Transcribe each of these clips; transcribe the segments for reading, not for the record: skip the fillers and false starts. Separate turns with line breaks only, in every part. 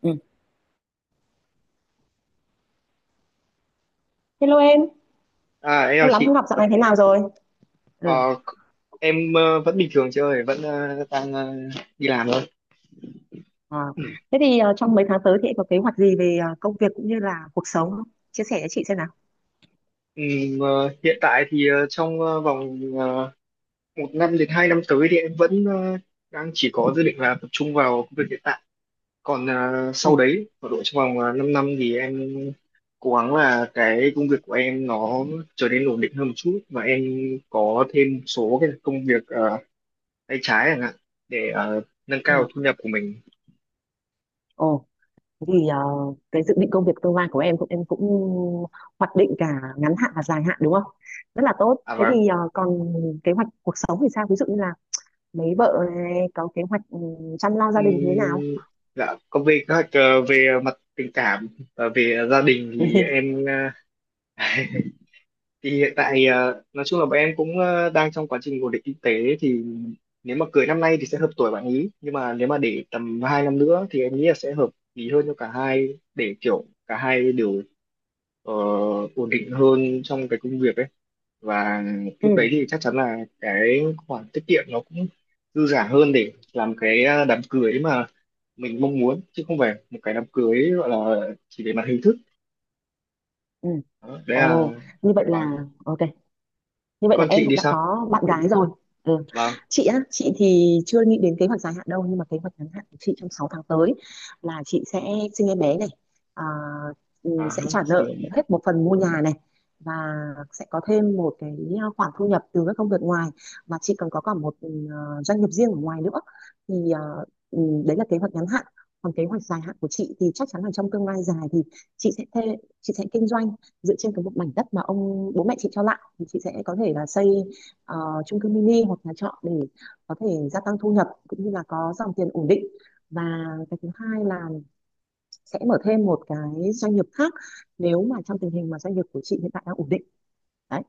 Ừ. Hello em,
À em chào
lâu lắm không
chị.
gặp dạo này thế nào rồi? Ừ.
Ờ, em vẫn bình thường chị ơi, vẫn đi làm thôi.
Ờ. Thế thì trong mấy tháng tới thì em có kế hoạch gì về công việc cũng như là cuộc sống không? Chia sẻ cho chị xem nào.
Ờ, Hiện tại thì trong vòng một năm đến hai năm tới thì em vẫn đang chỉ có dự định là tập trung vào công việc hiện tại. Còn sau
Ừ.
đấy ở độ trong vòng 5 năm thì em cố gắng là cái công việc của em nó trở nên ổn định hơn một chút, và em có thêm một số cái công việc tay trái chẳng hạn, để nâng
Ừ.
cao thu nhập của mình.
Ồ, thế thì cái dự định công việc tương lai của em cũng hoạch định cả ngắn hạn và dài hạn đúng không? Rất là tốt.
À,
Thế thì
và.
còn kế hoạch cuộc sống thì sao? Ví dụ như là mấy vợ này có kế hoạch chăm lo gia đình thế nào?
Ừm, dạ, còn về về mặt tình cảm và về gia đình thì em thì hiện tại nói chung là bọn em cũng đang trong quá trình ổn định kinh tế. Thì nếu mà cưới năm nay thì sẽ hợp tuổi bạn ý, nhưng mà nếu mà để tầm 2 năm nữa thì em nghĩ là sẽ hợp lý hơn cho cả hai, để kiểu cả hai đều ờ, ổn định hơn trong cái công việc ấy. Và lúc đấy
Ừ.
thì chắc chắn là cái khoản tiết kiệm nó cũng dư giả hơn, để làm cái đám cưới mà mình mong muốn, chứ không phải một cái đám cưới gọi là chỉ về mặt hình thức.
Ừ.
Đó, đấy là.
Ồ, như vậy
Vâng.
là ok. Như
Thế
vậy là
con
em
chị
cũng
thì
đã
sao?
có bạn gái rồi. Ừ.
Vâng.
Chị á, chị thì chưa nghĩ đến kế hoạch dài hạn đâu, nhưng mà kế hoạch ngắn hạn của chị trong 6 tháng tới là chị sẽ sinh em bé này, à,
À
sẽ
ha,
trả
xin
nợ
lỗi mẹ.
hết một phần mua nhà này, và sẽ có thêm một cái khoản thu nhập từ các công việc ngoài, và chị còn có cả một doanh nghiệp riêng ở ngoài nữa. Thì ừ, đấy là kế hoạch ngắn hạn. Còn kế hoạch dài hạn của chị thì chắc chắn là trong tương lai dài thì chị sẽ kinh doanh dựa trên cái một mảnh đất mà ông bố mẹ chị cho lại, thì chị sẽ có thể là xây ờ, chung cư mini hoặc nhà trọ để có thể gia tăng thu nhập cũng như là có dòng tiền ổn định, và cái thứ hai là sẽ mở thêm một cái doanh nghiệp khác nếu mà trong tình hình mà doanh nghiệp của chị hiện tại đang ổn định. Đấy,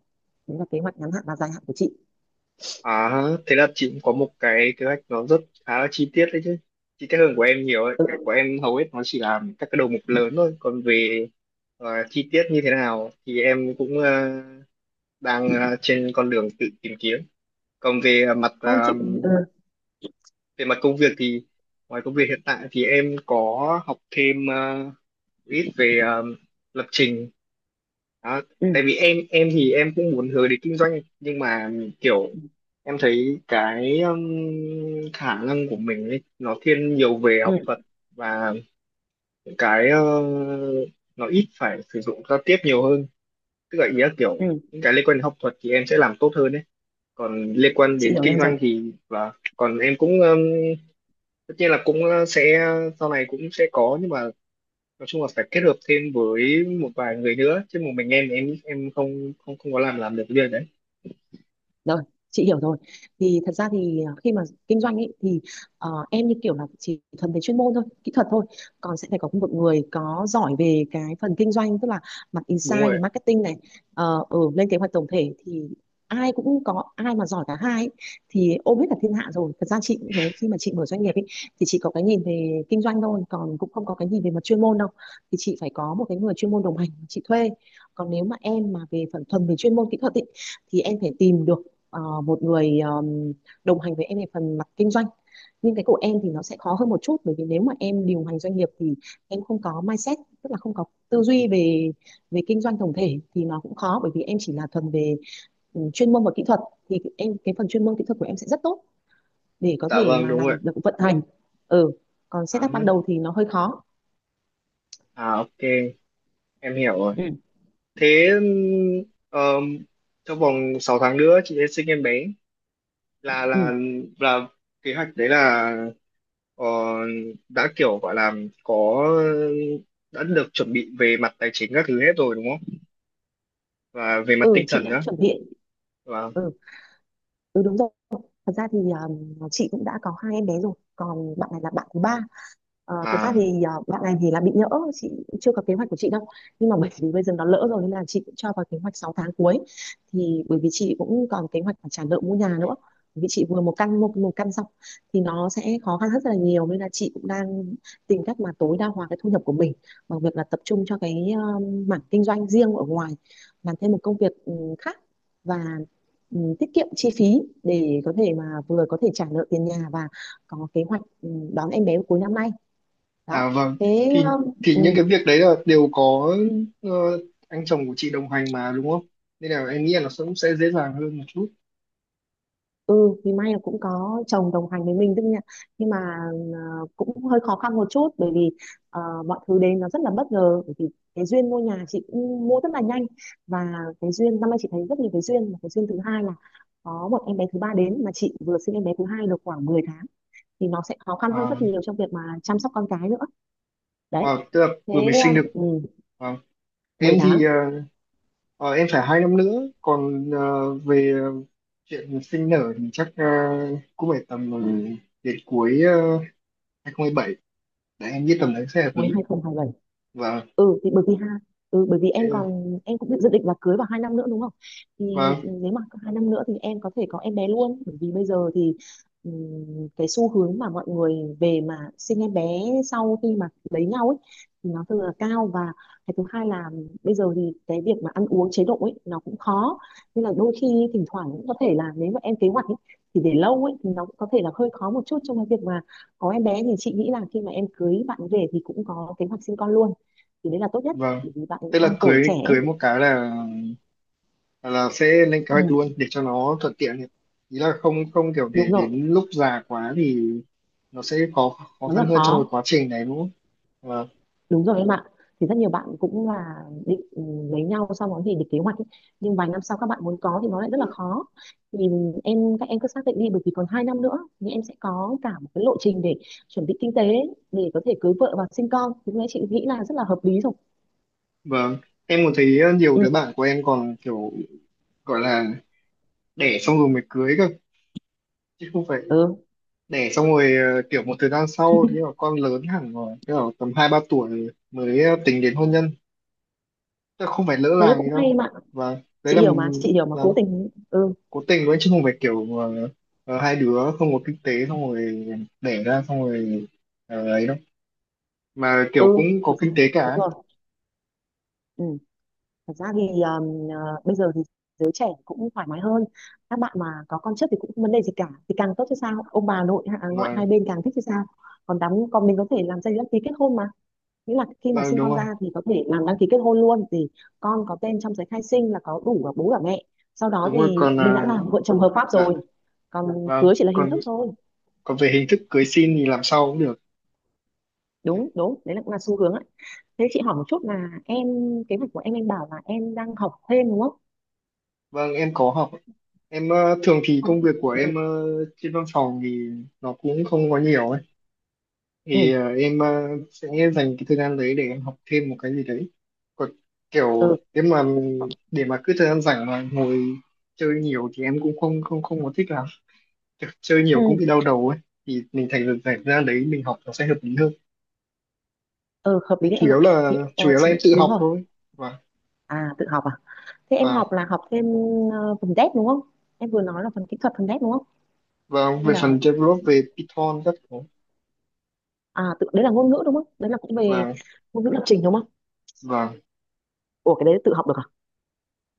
đấy là kế hoạch ngắn hạn và dài hạn của chị.
À ha, thế là chị cũng có một cái kế hoạch nó rất khá là chi tiết đấy chứ, chi tiết hơn của em nhiều ấy.
Ừ.
Cái của em hầu hết nó chỉ là các cái đầu mục lớn thôi. Còn về chi tiết như thế nào thì em cũng trên con đường tự tìm kiếm. Còn về
Không chị. Ừ.
về mặt công việc thì ngoài công việc hiện tại thì em có học thêm ít về lập trình. Đó.
Ừ.
Tại vì em thì em cũng muốn hướng đến kinh doanh, nhưng mà kiểu
Ừ.
em thấy cái khả năng của mình ấy, nó thiên nhiều về học
Ừ.
thuật và những cái nó ít phải sử dụng giao tiếp nhiều hơn, tức là ý là kiểu
Ừ.
những cái liên quan đến học thuật thì em sẽ làm tốt hơn đấy, còn liên quan
Chị
đến
hiểu
kinh
em rồi.
doanh thì. Và còn em cũng tất nhiên là cũng sẽ sau này cũng sẽ có, nhưng mà nói chung là phải kết hợp thêm với một vài người nữa, chứ một mình em không không không có làm được cái việc đấy.
Rồi, chị hiểu rồi. Thì thật ra thì khi mà kinh doanh ấy thì em như kiểu là chỉ thuần về chuyên môn thôi, kỹ thuật thôi. Còn sẽ phải có một người có giỏi về cái phần kinh doanh, tức là mặt
Đúng
insight về
rồi.
marketing này, ở lên kế hoạch tổng thể, thì ai cũng có ai mà giỏi cả hai ấy, thì ôm hết cả thiên hạ rồi. Thật ra chị cũng thế, khi mà chị mở doanh nghiệp ấy thì chị có cái nhìn về kinh doanh thôi, còn cũng không có cái nhìn về mặt chuyên môn đâu. Thì chị phải có một cái người chuyên môn đồng hành chị thuê. Còn nếu mà em mà về phần thuần về chuyên môn kỹ thuật ấy, thì em phải tìm được một người đồng hành với em về phần mặt kinh doanh, nhưng cái của em thì nó sẽ khó hơn một chút, bởi vì nếu mà em điều hành doanh nghiệp thì em không có mindset, tức là không có tư duy về về kinh doanh tổng thể, thì nó cũng khó bởi vì em chỉ là thuần về chuyên môn và kỹ thuật, thì em cái phần chuyên môn kỹ thuật của em sẽ rất tốt để có
Dạ
thể
vâng,
mà
đúng
làm
rồi.
được vận hành. Ừ. Còn
À
setup
hả.
ban đầu thì nó hơi khó.
À ok, em hiểu rồi.
Ừ.
Thế um, trong vòng 6 tháng nữa chị sẽ sinh em bé. là
Ừ.
là là kế hoạch đấy, là ờ, đã kiểu gọi là có, đã được chuẩn bị về mặt tài chính các thứ hết rồi đúng không? Và về mặt
Ừ.
tinh
Chị
thần
đã
nữa.
chuẩn bị.
Và
ừ, ừ, đúng rồi. Thật ra thì chị cũng đã có hai em bé rồi, còn bạn này là bạn thứ ba. Thật ra
à.
thì bạn này thì là bị nhỡ. Chị cũng chưa có kế hoạch của chị đâu, nhưng mà bởi vì bây giờ nó lỡ rồi nên là chị cũng cho vào kế hoạch 6 tháng cuối. Thì bởi vì chị cũng còn kế hoạch phải trả nợ mua nhà nữa, bởi vì chị vừa một căn xong thì nó sẽ khó khăn rất là nhiều, nên là chị cũng đang tìm cách mà tối đa hóa cái thu nhập của mình bằng việc là tập trung cho cái mảng kinh doanh riêng ở ngoài, làm thêm một công việc khác, và tiết kiệm chi phí để có thể mà vừa có thể trả nợ tiền nhà, và có kế hoạch đón em bé cuối năm nay.
À
Đó.
vâng,
Thế
thì thì những cái việc đấy là đều có ờ, anh chồng của chị đồng hành mà đúng không? Nên là em nghĩ là nó cũng sẽ dễ dàng hơn một chút.
ừ thì may là cũng có chồng đồng hành với mình tức nhỉ. Nhưng mà cũng hơi khó khăn một chút, bởi vì ờ, mọi thứ đến nó rất là bất ngờ, bởi vì cái duyên mua nhà chị cũng mua rất là nhanh. Và cái duyên năm nay chị thấy rất nhiều cái duyên, mà cái duyên thứ hai là có một em bé thứ ba đến mà chị vừa sinh em bé thứ hai được khoảng 10 tháng, thì nó sẽ khó khăn hơn
À,
rất nhiều trong việc mà chăm sóc con cái nữa. Đấy.
wow, tức là vừa mới
Thế.
sinh được.
ừ,
Vâng. Em
10 tháng
thì ờ, ờ, em phải hai năm nữa. Còn chuyện sinh nở thì chắc cũng phải tầm đến cuối uh, 2027. Đấy em nghĩ tầm đấy sẽ hợp
cuối
lý.
2027.
Vâng.
Ừ, thì bởi vì ha, bởi vì
Ờ,
em còn em cũng dự định là cưới vào 2 năm nữa đúng không? Thì
vâng,
nếu mà có 2 năm nữa thì em có thể có em bé luôn. Bởi vì bây giờ thì ừm, cái xu hướng mà mọi người về mà sinh em bé sau khi mà lấy nhau ấy thì nó thường là cao. Và cái thứ hai là bây giờ thì cái việc mà ăn uống chế độ ấy nó cũng khó, nên là đôi khi thỉnh thoảng cũng có thể là nếu mà em kế hoạch ấy, thì để lâu ấy thì nó cũng có thể là hơi khó một chút trong cái việc mà có em bé. Thì chị nghĩ là khi mà em cưới bạn về thì cũng có kế hoạch sinh con luôn thì đấy là tốt nhất,
vâng.
bởi vì bạn
Tức là
đang tuổi trẻ
cưới
ấy.
cưới một cái là. Hoặc là sẽ lên kế hoạch
Ừ,
luôn để cho nó thuận tiện ấy. Ý là không không kiểu để
đúng rồi.
đến lúc già quá thì nó sẽ khó khó
Nó rất
khăn
là
hơn trong cái
khó.
quá trình này đúng không? Vâng,
Đúng rồi em ạ. Thì rất nhiều bạn cũng là định lấy nhau sau đó thì định kế hoạch ấy. Nhưng vài năm sau các bạn muốn có thì nó lại rất là khó. Thì các em cứ xác định đi, bởi vì còn 2 năm nữa thì em sẽ có cả một cái lộ trình để chuẩn bị kinh tế để có thể cưới vợ và sinh con, thì lúc chị nghĩ là rất là hợp lý rồi.
vâng. Em còn thấy nhiều
Ừ.
đứa bạn của em còn kiểu gọi là đẻ xong rồi mới cưới cơ, chứ không phải
Ừ.
đẻ xong rồi kiểu một thời gian sau thì là con lớn hẳn rồi, tức là tầm hai ba tuổi mới tính đến hôn nhân, chứ không phải lỡ
Thế
làng
cũng
gì đâu.
hay mà.
Vâng, đấy
Chị
là.
hiểu mà, chị hiểu mà, cố
Vâng,
tình. Ừ.
cố tình đấy chứ không phải kiểu hai đứa không có kinh tế xong rồi đẻ ra xong rồi ấy đâu, mà
Ừ.
kiểu cũng có
Thật ra,
kinh tế
đúng
cả.
rồi. Ừ. Thật ra thì bây giờ thì giới trẻ cũng thoải mái hơn. Các bạn mà có con trước thì cũng không vấn đề gì cả. Thì càng tốt chứ sao? Ông bà nội à, ngoại hai
Vâng,
bên càng thích chứ sao? Còn đám, còn mình có thể làm giấy đăng ký kết hôn mà. Nghĩa là khi mà
vâng,
sinh
đúng
con
rồi,
ra thì có thể làm đăng ký kết hôn luôn, thì con có tên trong giấy khai sinh là có đủ cả bố cả mẹ. Sau đó
đúng rồi,
thì
còn
mình đã
à.
là vợ chồng hợp pháp
Dạ
rồi. Còn
vâng,
cưới chỉ là hình
còn
thức thôi.
còn về hình thức cưới xin thì làm sau cũng được.
Đúng, đúng, đấy là cũng là xu hướng ấy. Thế chị hỏi một chút là em, kế hoạch của em bảo là em đang học thêm đúng không?
Vâng, em có học. Em thường thì
Học-
công việc của
Ừ,
em trên văn phòng thì nó cũng không có nhiều ấy,
ừ,
thì sẽ dành cái thời gian đấy để em học thêm một cái gì đấy. Còn kiểu nếu mà để mà cứ thời gian rảnh mà ngồi chơi nhiều thì em cũng không không không có thích lắm. Kiểu chơi
ừ.
nhiều cũng bị đau đầu ấy, thì mình thành ra rảnh ra đấy mình học nó sẽ hợp lý hơn.
Ờ, hợp lý
Thế
đấy
chủ
em ạ.
yếu
Thì
là chủ yếu là
chị,
em tự
đúng
học
rồi.
thôi. và
À, tự học à? Thế em
và
học là học thêm phần dev đúng không? Em vừa nói là phần kỹ thuật, phần dev đúng không?
và
Hay
về
là
phần develop, về Python các thứ.
à, tự đấy là ngôn ngữ đúng không, đấy là cũng về
và
ngôn ngữ lập trình đúng không?
và
Ủa cái đấy tự học được à?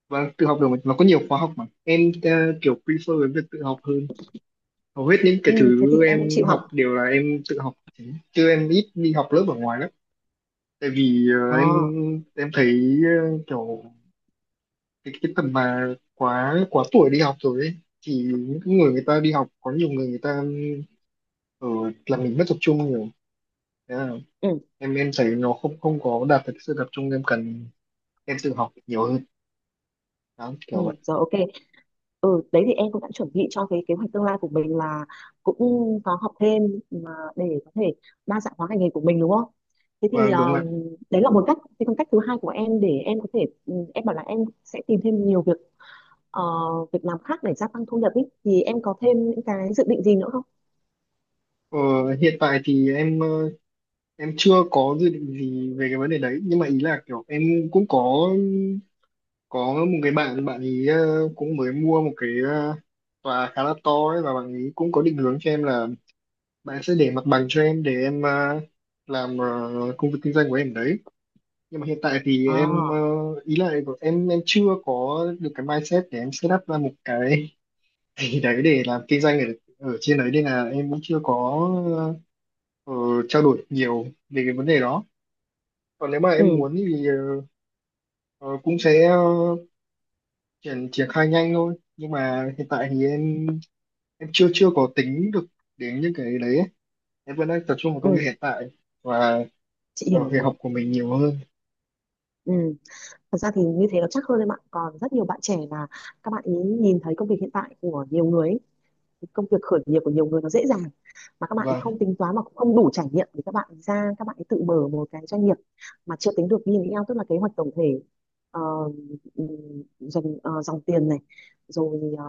và tự học được mà. Nó có nhiều khóa học mà em kiểu prefer với việc tự học hơn. Hầu hết những
Ừ,
cái
thế thì
thứ
em cũng
em
chịu học.
học đều là em tự học, chứ em ít đi học lớp ở ngoài lắm. Tại vì
ờ
em thấy kiểu cái tầm mà quá quá tuổi đi học rồi ấy, thì những cái người người ta đi học có nhiều người người ta ở làm mình mất tập trung nhiều. Thế là
ừ.
em thấy nó không không có đạt được sự tập trung em cần, em tự học nhiều hơn, đó
Ừ,
kiểu vậy.
rồi ok. Ừ, đấy thì em cũng đã chuẩn bị cho cái kế hoạch tương lai của mình là cũng có học thêm mà để có thể đa dạng hóa ngành nghề của mình đúng không? Thế thì
Vâng đúng ạ.
đấy là một cách. Thế còn cách thứ hai của em để em có thể em bảo là em sẽ tìm thêm nhiều việc, ờ, việc làm khác để gia tăng thu nhập ý. Thì em có thêm những cái dự định gì nữa không?
ờ, Hiện tại thì em chưa có dự định gì về cái vấn đề đấy, nhưng mà ý là kiểu em cũng có một cái bạn bạn ý cũng mới mua một cái tòa khá là to ấy, và bạn ý cũng có định hướng cho em là bạn sẽ để mặt bằng cho em để em làm công việc kinh doanh của em đấy. Nhưng mà hiện tại thì
À,
em ý là em chưa có được cái mindset để em set up ra một cái gì đấy để làm kinh doanh ở ở trên đấy, nên là em cũng chưa có ờ, trao đổi nhiều về cái vấn đề đó. Còn nếu mà em
ừ,
muốn thì ờ, cũng sẽ triển triển khai nhanh thôi, nhưng mà hiện tại thì em chưa chưa có tính được đến những cái đấy ấy. Em vẫn đang tập trung vào công việc
ừ,
hiện tại và
chị
vào
hiểu
việc
rồi.
học của mình nhiều hơn.
Ừ. Thật ra thì như thế nó chắc hơn em ạ. Còn rất nhiều bạn trẻ là các bạn ý nhìn thấy công việc hiện tại của nhiều người ấy, công việc khởi nghiệp của nhiều người nó dễ dàng mà các bạn
Vâng,
không tính toán mà cũng không đủ trải nghiệm để các bạn ra các bạn tự mở một cái doanh nghiệp mà chưa tính được BNPL, tức là kế hoạch tổng thể, ờ, dòng dòng tiền này, rồi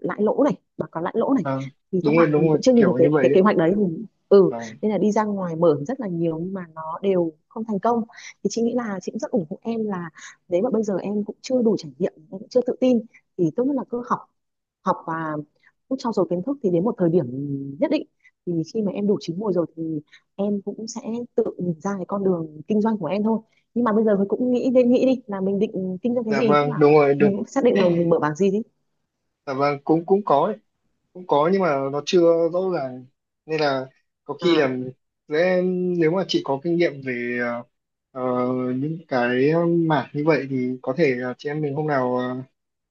lãi lỗ này, báo cáo lãi lỗ này,
vâng,
thì các
đúng rồi,
bạn
đúng
cũng
rồi,
chưa nhìn được
kiểu như
cái
vậy
cái kế
đấy.
hoạch đấy. Ừ
Vâng.
Nên là đi ra ngoài mở rất là nhiều nhưng mà nó đều không thành công. Thì chị nghĩ là chị cũng rất ủng hộ em là nếu mà bây giờ em cũng chưa đủ trải nghiệm, em cũng chưa tự tin, thì tốt nhất là cứ học, học và cứ trau dồi kiến thức, thì đến một thời điểm nhất định, thì khi mà em đủ chín mùi rồi thì em cũng sẽ tự nhìn ra cái con đường kinh doanh của em thôi. Nhưng mà bây giờ mình cũng nghĩ, nên nghĩ đi là mình định kinh doanh cái
Dạ
gì, tức
vâng,
là
đúng rồi, đúng.
mình cũng xác định là mình mở bảng gì đi.
Dạ vâng, cũng cũng có ấy. Cũng có nhưng mà nó chưa rõ ràng, nên là có khi là
à
sẽ. Nếu mà chị có kinh nghiệm về ờ, những cái mảng như vậy thì có thể là chị em mình hôm nào ờ,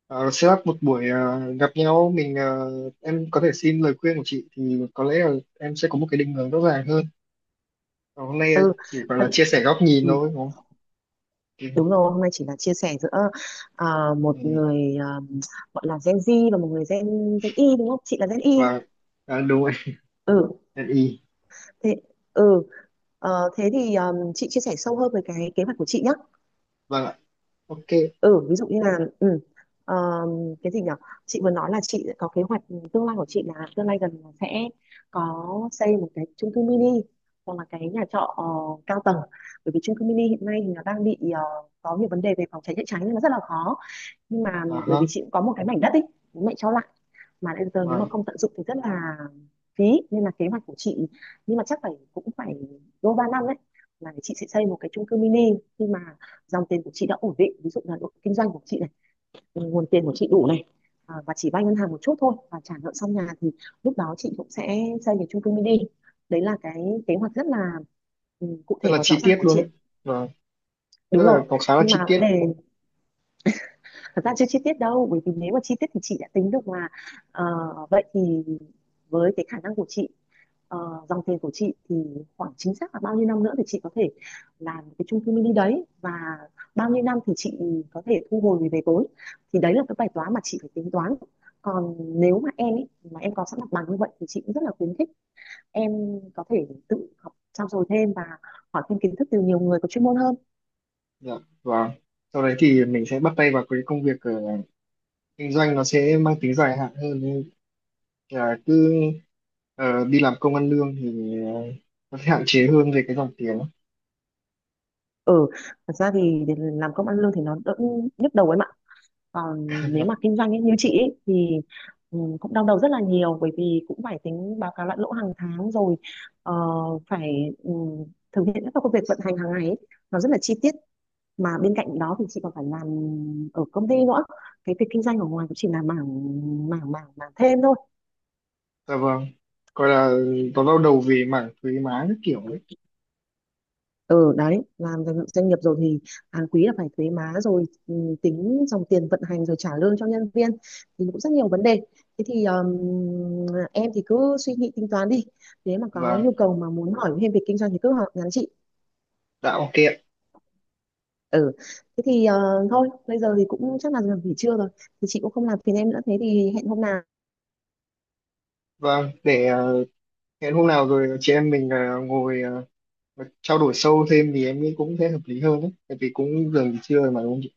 Ờ, set up một buổi gặp nhau, mình em có thể xin lời khuyên của chị thì có lẽ là em sẽ có một cái định hướng rõ ràng hơn. Còn hôm nay
ừ,
chỉ gọi là
thật-
chia sẻ góc nhìn
ừ
thôi đúng không? Ừ.
Đúng rồi, hôm nay chỉ là chia sẻ giữa à,
Ừ,
một người, gọi là Gen Z và một người Gen Gen Y, đúng không, chị là Gen Y.
và à, đúng rồi.
Ừ,
Nhân ý.
thế, ừ. Thế thì chị chia sẻ sâu hơn về cái kế hoạch của chị nhé.
Vâng ạ. Ok.
Ừ, ví dụ như là ờ, cái gì nhở, chị vừa nói là chị có kế hoạch tương lai của chị, là tương lai gần là sẽ có xây một cái chung cư mini hoặc là cái nhà trọ cao tầng, bởi vì chung cư mini hiện nay thì nó đang bị có nhiều vấn đề về phòng cháy chữa cháy nên nó rất là khó. Nhưng mà
À
bởi
ha.
vì chị cũng có một cái mảnh đất ấy, bố mẹ cho lại, mà đến giờ nếu mà
Vâng,
không tận dụng thì rất là phí. Nên là kế hoạch của chị, nhưng mà chắc phải, cũng phải đôi ba năm đấy, là chị sẽ xây một cái chung cư mini, khi mà dòng tiền của chị đã ổn định, ví dụ là độ kinh doanh của chị này, nguồn tiền của chị đủ này, à, và chỉ vay ngân hàng một chút thôi và trả nợ xong nhà, thì lúc đó chị cũng sẽ xây một chung cư mini. Đấy là cái kế hoạch rất là cụ
rất
thể
là
và rõ
chi
ràng
tiết
của
luôn đấy.
chị.
Vâng, rất
Đúng
là
rồi,
có khá là
nhưng
chi
mà vấn
tiết.
đề, thật ra chưa chi tiết đâu, bởi vì nếu mà chi tiết thì chị đã tính được mà. Ờ, vậy thì với cái khả năng của chị, ờ, dòng tiền của chị thì khoảng chính xác là bao nhiêu năm nữa thì chị có thể làm cái chung cư mini đấy, và bao nhiêu năm thì chị có thể thu hồi về vốn, thì đấy là cái bài toán mà chị phải tính toán. Còn nếu mà em ấy, mà em có sẵn mặt bằng như vậy, thì chị cũng rất là khuyến khích em có thể tự học, trau dồi thêm và hỏi thêm kiến thức từ nhiều người có chuyên môn hơn.
Dạ vâng, sau đấy thì mình sẽ bắt tay vào cái công việc kinh doanh, nó sẽ mang tính dài hạn hơn, nên là cứ đi làm công ăn lương thì nó sẽ hạn chế hơn về cái dòng tiền.
Ừ, thật ra thì để làm công ăn lương thì nó đỡ nhức đầu em ạ. Còn nếu mà kinh doanh ấy, như chị ấy, thì cũng đau đầu rất là nhiều, bởi vì cũng phải tính báo cáo lại lỗ hàng tháng rồi, ờ, phải thực hiện các công việc vận hành hàng ngày ấy. Nó rất là chi tiết, mà bên cạnh đó thì chị còn phải làm ở công ty nữa, cái việc kinh doanh ở ngoài cũng chỉ là mảng mảng mảng mảng thêm thôi.
Dạ vâng, gọi là nó đau đầu về mảng thuế má các kiểu ấy.
Ừ, đấy làm doanh doanh nghiệp rồi thì hàng quý là phải thuế má rồi, tính dòng tiền vận hành rồi trả lương cho nhân viên, thì cũng rất nhiều vấn đề. Thế thì em thì cứ suy nghĩ tính toán đi, nếu mà có
Và
nhu cầu mà muốn hỏi thêm về kinh doanh thì cứ hỏi, nhắn chị.
tạo kiện.
Ừ, thế thì thôi bây giờ thì cũng chắc là giờ nghỉ trưa rồi, thì chị cũng không làm phiền em nữa, thế thì hẹn hôm nào.
Vâng, để hẹn hôm nào rồi chị em mình trao đổi sâu thêm thì em nghĩ cũng sẽ hợp lý hơn đấy, tại vì cũng gần trưa rồi mà đúng không chị?